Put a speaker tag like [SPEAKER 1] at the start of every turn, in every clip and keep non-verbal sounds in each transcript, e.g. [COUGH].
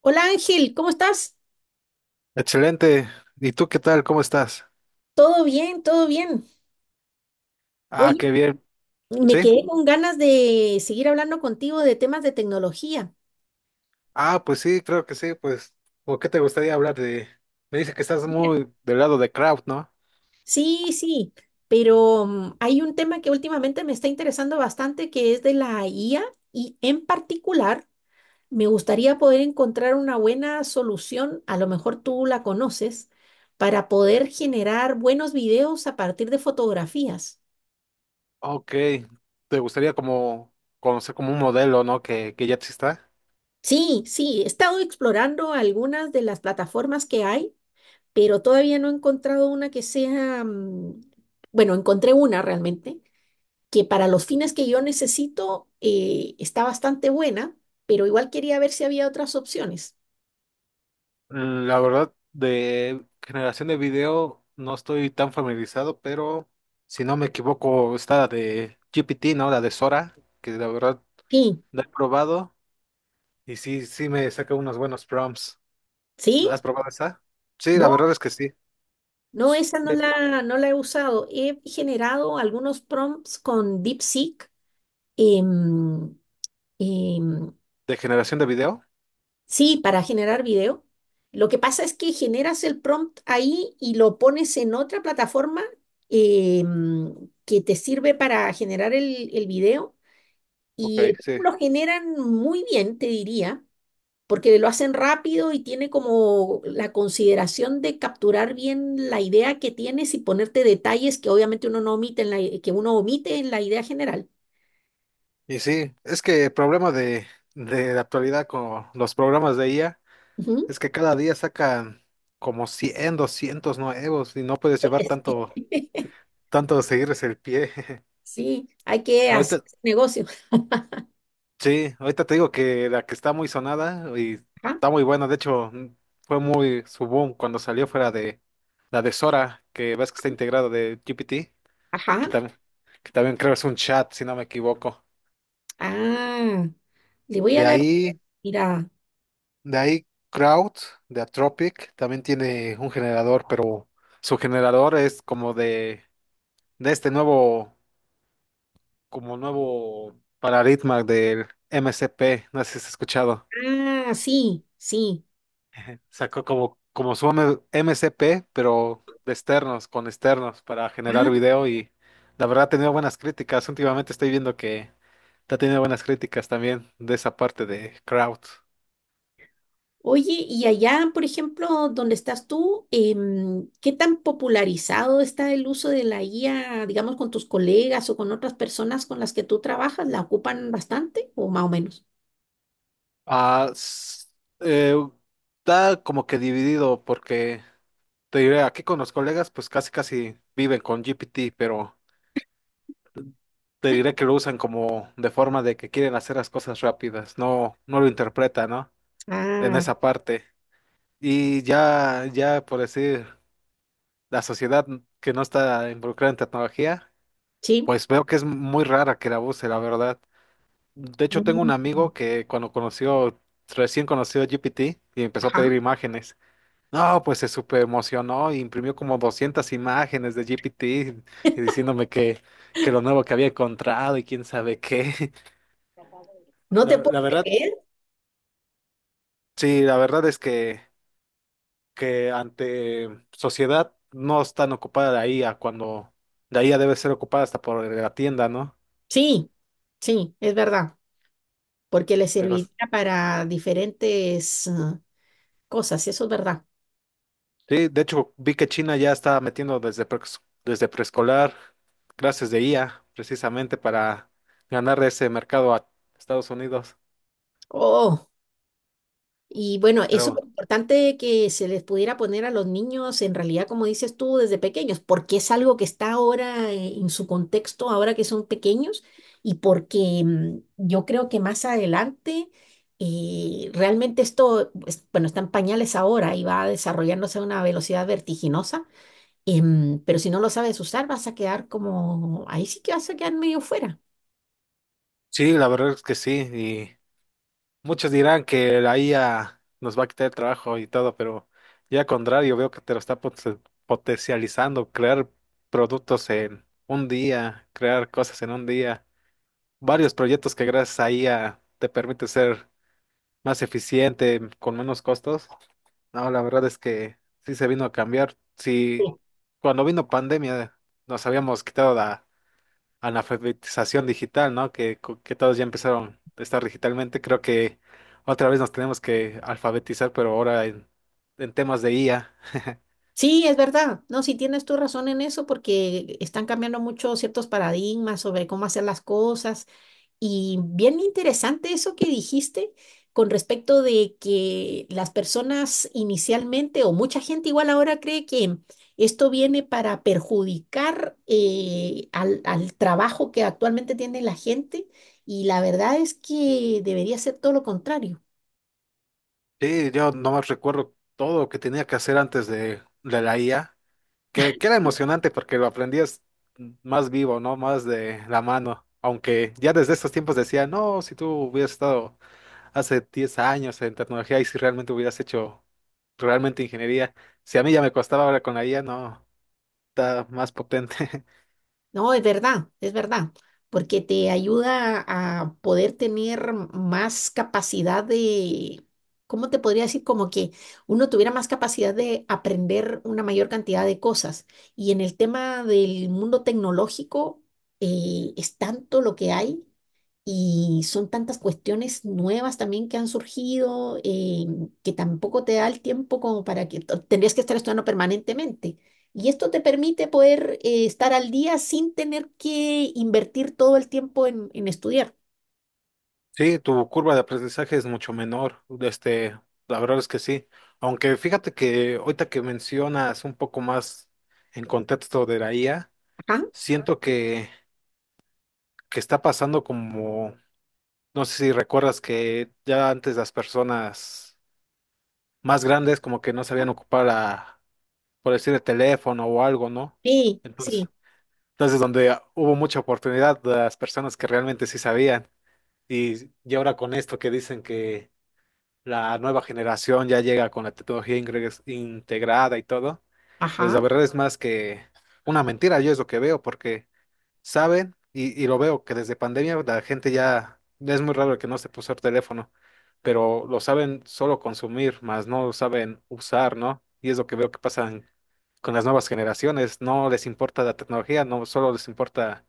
[SPEAKER 1] Hola Ángel, ¿cómo estás?
[SPEAKER 2] Excelente. ¿Y tú qué tal? ¿Cómo estás?
[SPEAKER 1] Todo bien, todo bien.
[SPEAKER 2] Ah, qué
[SPEAKER 1] Oye,
[SPEAKER 2] bien.
[SPEAKER 1] me
[SPEAKER 2] ¿Sí?
[SPEAKER 1] quedé con ganas de seguir hablando contigo de temas de tecnología.
[SPEAKER 2] Ah, pues sí, creo que sí. ¿O qué te gustaría hablar de...? Me dice que estás
[SPEAKER 1] Mira.
[SPEAKER 2] muy del lado de crowd, ¿no?
[SPEAKER 1] Sí, sí, pero hay un tema que últimamente me está interesando bastante que es de la IA y en particular me gustaría poder encontrar una buena solución, a lo mejor tú la conoces, para poder generar buenos videos a partir de fotografías.
[SPEAKER 2] Ok. ¿Te gustaría como conocer como un modelo, ¿no? Que ya exista.
[SPEAKER 1] Sí, sí, he estado explorando algunas de las plataformas que hay pero todavía no he encontrado una que sea, bueno, encontré una realmente, que para los fines que yo necesito está bastante buena, pero igual quería ver si había otras opciones.
[SPEAKER 2] La verdad, de generación de video no estoy tan familiarizado, pero si no me equivoco, está la de GPT, ¿no? La de Sora, que la verdad
[SPEAKER 1] Sí,
[SPEAKER 2] la he probado y sí, sí me saca unos buenos prompts.
[SPEAKER 1] sí,
[SPEAKER 2] ¿Has probado esa? Sí, la
[SPEAKER 1] no,
[SPEAKER 2] verdad es que sí.
[SPEAKER 1] no,
[SPEAKER 2] S-
[SPEAKER 1] esa no
[SPEAKER 2] ¿De,
[SPEAKER 1] la, no la he usado. He generado algunos prompts con DeepSeek. em, em,
[SPEAKER 2] de generación de video?
[SPEAKER 1] Sí, para generar video. Lo que pasa es que generas el prompt ahí y lo pones en otra plataforma eh, mm, que te sirve para generar el video
[SPEAKER 2] Ok,
[SPEAKER 1] y el,
[SPEAKER 2] sí.
[SPEAKER 1] lo generan muy bien, te diría, porque lo hacen rápido y tiene como la consideración de capturar bien la idea que tienes y ponerte detalles que obviamente uno no omite en que uno omite en la idea general.
[SPEAKER 2] Y sí, es que el problema de la actualidad con los programas de IA
[SPEAKER 1] Ujú.
[SPEAKER 2] es que cada día sacan como 100, 200 nuevos y no puedes llevar tanto,
[SPEAKER 1] [LAUGHS]
[SPEAKER 2] tanto de seguirles el pie. [LAUGHS]
[SPEAKER 1] Sí, hay que hacer
[SPEAKER 2] Ahorita,
[SPEAKER 1] negocio.
[SPEAKER 2] sí, ahorita te digo que la que está muy sonada y
[SPEAKER 1] Ajá,
[SPEAKER 2] está muy buena, de hecho, fue muy su boom cuando salió fuera de la de Sora, que ves que está integrada de GPT. que
[SPEAKER 1] ajá.
[SPEAKER 2] también, que también creo es un chat, si no me equivoco.
[SPEAKER 1] Ah, le voy a
[SPEAKER 2] De
[SPEAKER 1] dar una
[SPEAKER 2] ahí,
[SPEAKER 1] mirada.
[SPEAKER 2] de ahí crowd de Atropic, también tiene un generador, pero su generador es como de este nuevo, como nuevo paradigma del MCP, no sé si has escuchado.
[SPEAKER 1] Ah, sí, sí.
[SPEAKER 2] [LAUGHS] Sacó MCP, pero de externos, con externos, para generar
[SPEAKER 1] Ah,
[SPEAKER 2] video y la verdad ha tenido buenas críticas. Últimamente estoy viendo que ha tenido buenas críticas también de esa parte de crowd.
[SPEAKER 1] oye, y allá, por ejemplo, donde estás tú, ¿qué tan popularizado está el uso de la IA, digamos, con tus colegas o con otras personas con las que tú trabajas? ¿La ocupan bastante o más o menos?
[SPEAKER 2] Ah, s- eh, Está como que dividido porque te diré, aquí con los colegas pues casi casi viven con GPT, pero te diré que lo usan como de forma de que quieren hacer las cosas rápidas, no lo interpretan, ¿no? En
[SPEAKER 1] Ah,
[SPEAKER 2] esa parte. Y ya por decir, la sociedad que no está involucrada en tecnología,
[SPEAKER 1] sí.
[SPEAKER 2] pues veo que es muy rara que la use, la verdad. De hecho, tengo un
[SPEAKER 1] Mm.
[SPEAKER 2] amigo que recién conoció GPT y empezó a
[SPEAKER 1] Ajá.
[SPEAKER 2] pedir imágenes. No, pues se súper emocionó y imprimió como 200 imágenes de GPT y que lo nuevo que había encontrado y quién sabe qué. [LAUGHS]
[SPEAKER 1] No te
[SPEAKER 2] No,
[SPEAKER 1] puedo
[SPEAKER 2] la verdad,
[SPEAKER 1] creer.
[SPEAKER 2] sí, la verdad es que ante sociedad no es tan ocupada la IA cuando la IA debe ser ocupada hasta por la tienda, ¿no?
[SPEAKER 1] Sí, sí, es verdad, porque le
[SPEAKER 2] Pero
[SPEAKER 1] serviría para diferentes, ah, cosas, eso es verdad.
[SPEAKER 2] sí, de hecho vi que China ya está metiendo desde preescolar clases de IA precisamente para ganar ese mercado a Estados Unidos.
[SPEAKER 1] Oh. Y bueno, es
[SPEAKER 2] Pero
[SPEAKER 1] súper importante que se les pudiera poner a los niños, en realidad, como dices tú, desde pequeños, porque es algo que está ahora en su contexto, ahora que son pequeños, y porque yo creo que más adelante, realmente esto, bueno, está en pañales ahora y va desarrollándose a una velocidad vertiginosa, pero si no lo sabes usar, vas a quedar como, ahí sí que vas a quedar medio fuera.
[SPEAKER 2] sí, la verdad es que sí, y muchos dirán que la IA nos va a quitar el trabajo y todo, pero ya al contrario, veo que te lo está potencializando, crear productos en un día, crear cosas en un día, varios proyectos que gracias a IA te permite ser más eficiente, con menos costos. No, la verdad es que sí se vino a cambiar. Sí, cuando vino pandemia nos habíamos quitado la analfabetización digital, ¿no? Que todos ya empezaron a estar digitalmente. Creo que otra vez nos tenemos que alfabetizar, pero ahora en temas de IA.
[SPEAKER 1] Sí, es verdad. No, sí tienes tu razón en eso porque están cambiando mucho ciertos paradigmas sobre cómo hacer las cosas. Y bien interesante eso que dijiste con respecto de que las personas inicialmente o mucha gente igual ahora cree que esto viene para perjudicar al trabajo que actualmente tiene la gente y la verdad es que debería ser todo lo contrario.
[SPEAKER 2] Sí, yo no nomás recuerdo todo lo que tenía que hacer antes de la IA, que era emocionante porque lo aprendías más vivo, ¿no? Más de la mano. Aunque ya desde estos tiempos decía, no, si tú hubieras estado hace 10 años en tecnología y si realmente hubieras hecho realmente ingeniería, si a mí ya me costaba ahora con la IA, no. Está más potente. [LAUGHS]
[SPEAKER 1] No, es verdad, porque te ayuda a poder tener más capacidad de, ¿cómo te podría decir? Como que uno tuviera más capacidad de aprender una mayor cantidad de cosas. Y en el tema del mundo tecnológico, es tanto lo que hay y son tantas cuestiones nuevas también que han surgido que tampoco te da el tiempo como para que tendrías que estar estudiando permanentemente. Y esto te permite poder estar al día sin tener que invertir todo el tiempo en estudiar.
[SPEAKER 2] Sí, tu curva de aprendizaje es mucho menor. Este, la verdad es que sí. Aunque fíjate que ahorita que mencionas un poco más en contexto de la IA,
[SPEAKER 1] Ajá.
[SPEAKER 2] siento que está pasando como, no sé si recuerdas que ya antes las personas más grandes como que no sabían ocupar a, por decir, el teléfono o algo, ¿no?
[SPEAKER 1] Sí,
[SPEAKER 2] Entonces,
[SPEAKER 1] sí.
[SPEAKER 2] entonces donde hubo mucha oportunidad de las personas que realmente sí sabían. Y ahora con esto que dicen que la nueva generación ya llega con la tecnología integrada y todo, pues la
[SPEAKER 1] Ajá.
[SPEAKER 2] verdad es más que una mentira, yo es lo que veo, porque saben, y lo veo que desde pandemia la gente ya es muy raro que no se puso el teléfono, pero lo saben solo consumir, más no lo saben usar, ¿no? Y es lo que veo que con las nuevas generaciones, no les importa la tecnología, no solo les importa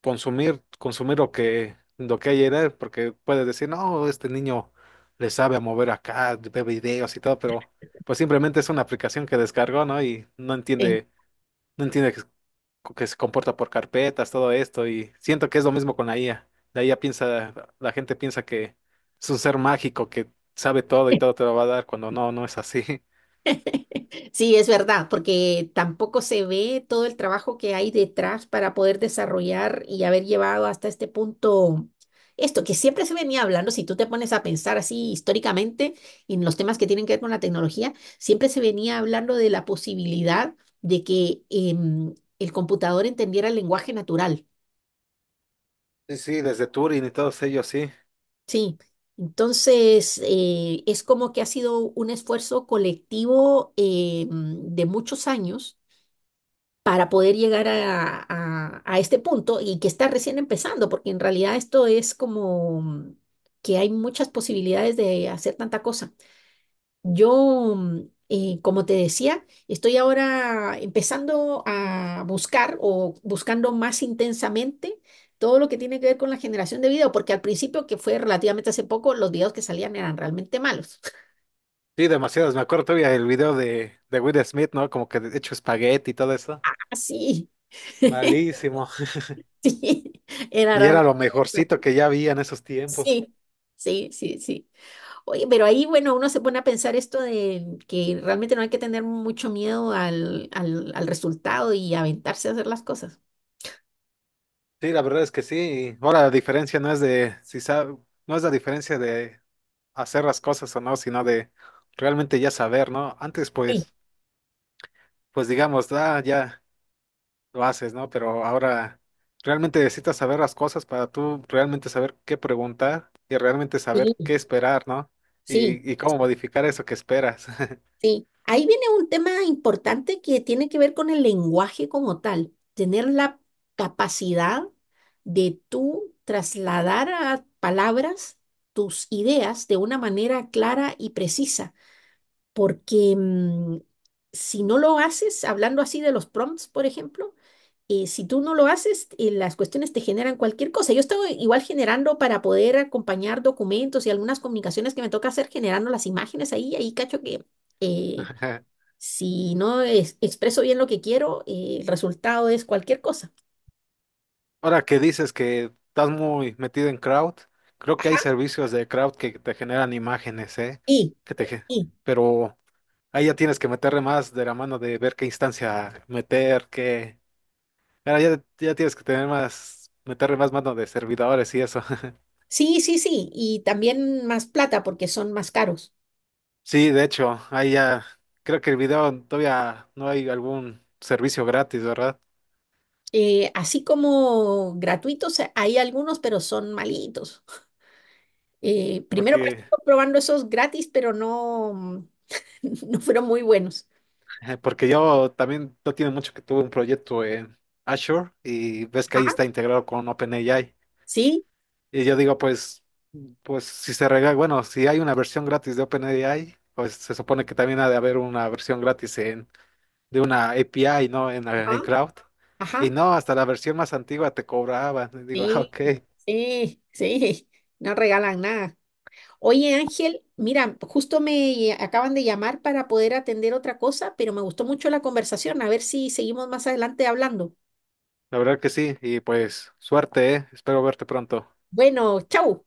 [SPEAKER 2] consumir, consumir lo lo que hay en él, porque puedes decir, no, este niño le sabe a mover acá, ve videos y todo, pero pues simplemente es una aplicación que descargó, ¿no? Y no entiende, no entiende que se comporta por carpetas, todo esto, y siento que es lo mismo con la IA. La gente piensa que es un ser mágico que sabe todo y
[SPEAKER 1] Sí.
[SPEAKER 2] todo te lo va a dar, cuando no, no es así. [LAUGHS]
[SPEAKER 1] [LAUGHS] Sí, es verdad, porque tampoco se ve todo el trabajo que hay detrás para poder desarrollar y haber llevado hasta este punto esto que siempre se venía hablando, si tú te pones a pensar así históricamente en los temas que tienen que ver con la tecnología, siempre se venía hablando de la posibilidad de que el computador entendiera el lenguaje natural.
[SPEAKER 2] Sí, sí, desde Turing y todos ellos, sí.
[SPEAKER 1] Sí, entonces es como que ha sido un esfuerzo colectivo de muchos años para poder llegar a este punto y que está recién empezando, porque en realidad esto es como que hay muchas posibilidades de hacer tanta cosa. Yo, como te decía, estoy ahora empezando a buscar o buscando más intensamente todo lo que tiene que ver con la generación de video, porque al principio, que fue relativamente hace poco, los videos que salían eran realmente malos.
[SPEAKER 2] Sí, demasiados. Me acuerdo todavía el video de Will Smith, ¿no? Como que hecho espagueti y todo eso.
[SPEAKER 1] [LAUGHS] Así, [LAUGHS]
[SPEAKER 2] Malísimo.
[SPEAKER 1] sí, era
[SPEAKER 2] Y era
[SPEAKER 1] realmente...
[SPEAKER 2] lo mejorcito que ya había en esos tiempos.
[SPEAKER 1] Sí, sí, sí, sí. Oye, pero ahí, bueno, uno se pone a pensar esto de que realmente no hay que tener mucho miedo al resultado y aventarse a hacer las cosas.
[SPEAKER 2] Sí, la verdad es que sí. Ahora la diferencia no es de si sabe, no es la diferencia de hacer las cosas o no, sino de realmente ya saber, ¿no? Antes
[SPEAKER 1] Sí,
[SPEAKER 2] pues, pues digamos, ah, ya lo haces, ¿no? Pero ahora realmente necesitas saber las cosas para tú realmente saber qué preguntar y realmente saber
[SPEAKER 1] sí.
[SPEAKER 2] qué esperar, ¿no?
[SPEAKER 1] Sí,
[SPEAKER 2] Y cómo
[SPEAKER 1] sí,
[SPEAKER 2] modificar eso que esperas.
[SPEAKER 1] sí. Ahí viene un tema importante que tiene que ver con el lenguaje como tal, tener la capacidad de tú trasladar a palabras tus ideas de una manera clara y precisa. Porque si no lo haces, hablando así de los prompts, por ejemplo, si tú no lo haces, las cuestiones te generan cualquier cosa. Yo estaba igual generando para poder acompañar documentos y algunas comunicaciones que me toca hacer, generando las imágenes ahí, ahí cacho que eh,
[SPEAKER 2] [LAUGHS]
[SPEAKER 1] si no expreso bien lo que quiero, el resultado es cualquier cosa.
[SPEAKER 2] Ahora que dices que estás muy metido en crowd, creo que
[SPEAKER 1] Ajá.
[SPEAKER 2] hay servicios de crowd que te generan imágenes, ¿eh?
[SPEAKER 1] Y,
[SPEAKER 2] Que te, ge-
[SPEAKER 1] y,
[SPEAKER 2] pero ahí ya tienes que meterle más de la mano de ver qué instancia meter, qué... Ahora ya tienes que tener más, meterle más mano de servidores y eso. [LAUGHS]
[SPEAKER 1] sí, sí, sí, y también más plata porque son más caros.
[SPEAKER 2] Sí, de hecho, ahí ya, creo que el video todavía no hay algún servicio gratis, ¿verdad?
[SPEAKER 1] Así como gratuitos, hay algunos, pero son malitos. Primero
[SPEAKER 2] Porque,
[SPEAKER 1] partimos probando esos gratis, pero no, [LAUGHS] no fueron muy buenos.
[SPEAKER 2] [LAUGHS] porque yo también no tiene mucho que tuve un proyecto en Azure y ves que ahí
[SPEAKER 1] Ajá,
[SPEAKER 2] está integrado con OpenAI.
[SPEAKER 1] sí,
[SPEAKER 2] Y yo digo, pues, pues si se regala, bueno, si hay una versión gratis de OpenAI, pues se supone que también ha de haber una versión gratis en, de una API, ¿no? En
[SPEAKER 1] ajá,
[SPEAKER 2] Cloud. Y
[SPEAKER 1] ajá,
[SPEAKER 2] no, hasta la versión más antigua te cobraban. Y digo, [LAUGHS] ah,
[SPEAKER 1] sí,
[SPEAKER 2] ok,
[SPEAKER 1] sí, sí, no regalan nada. Oye, Ángel, mira, justo me acaban de llamar para poder atender otra cosa, pero me gustó mucho la conversación. A ver si seguimos más adelante hablando.
[SPEAKER 2] la verdad que sí. Y pues, suerte, ¿eh? Espero verte pronto.
[SPEAKER 1] Bueno, chau.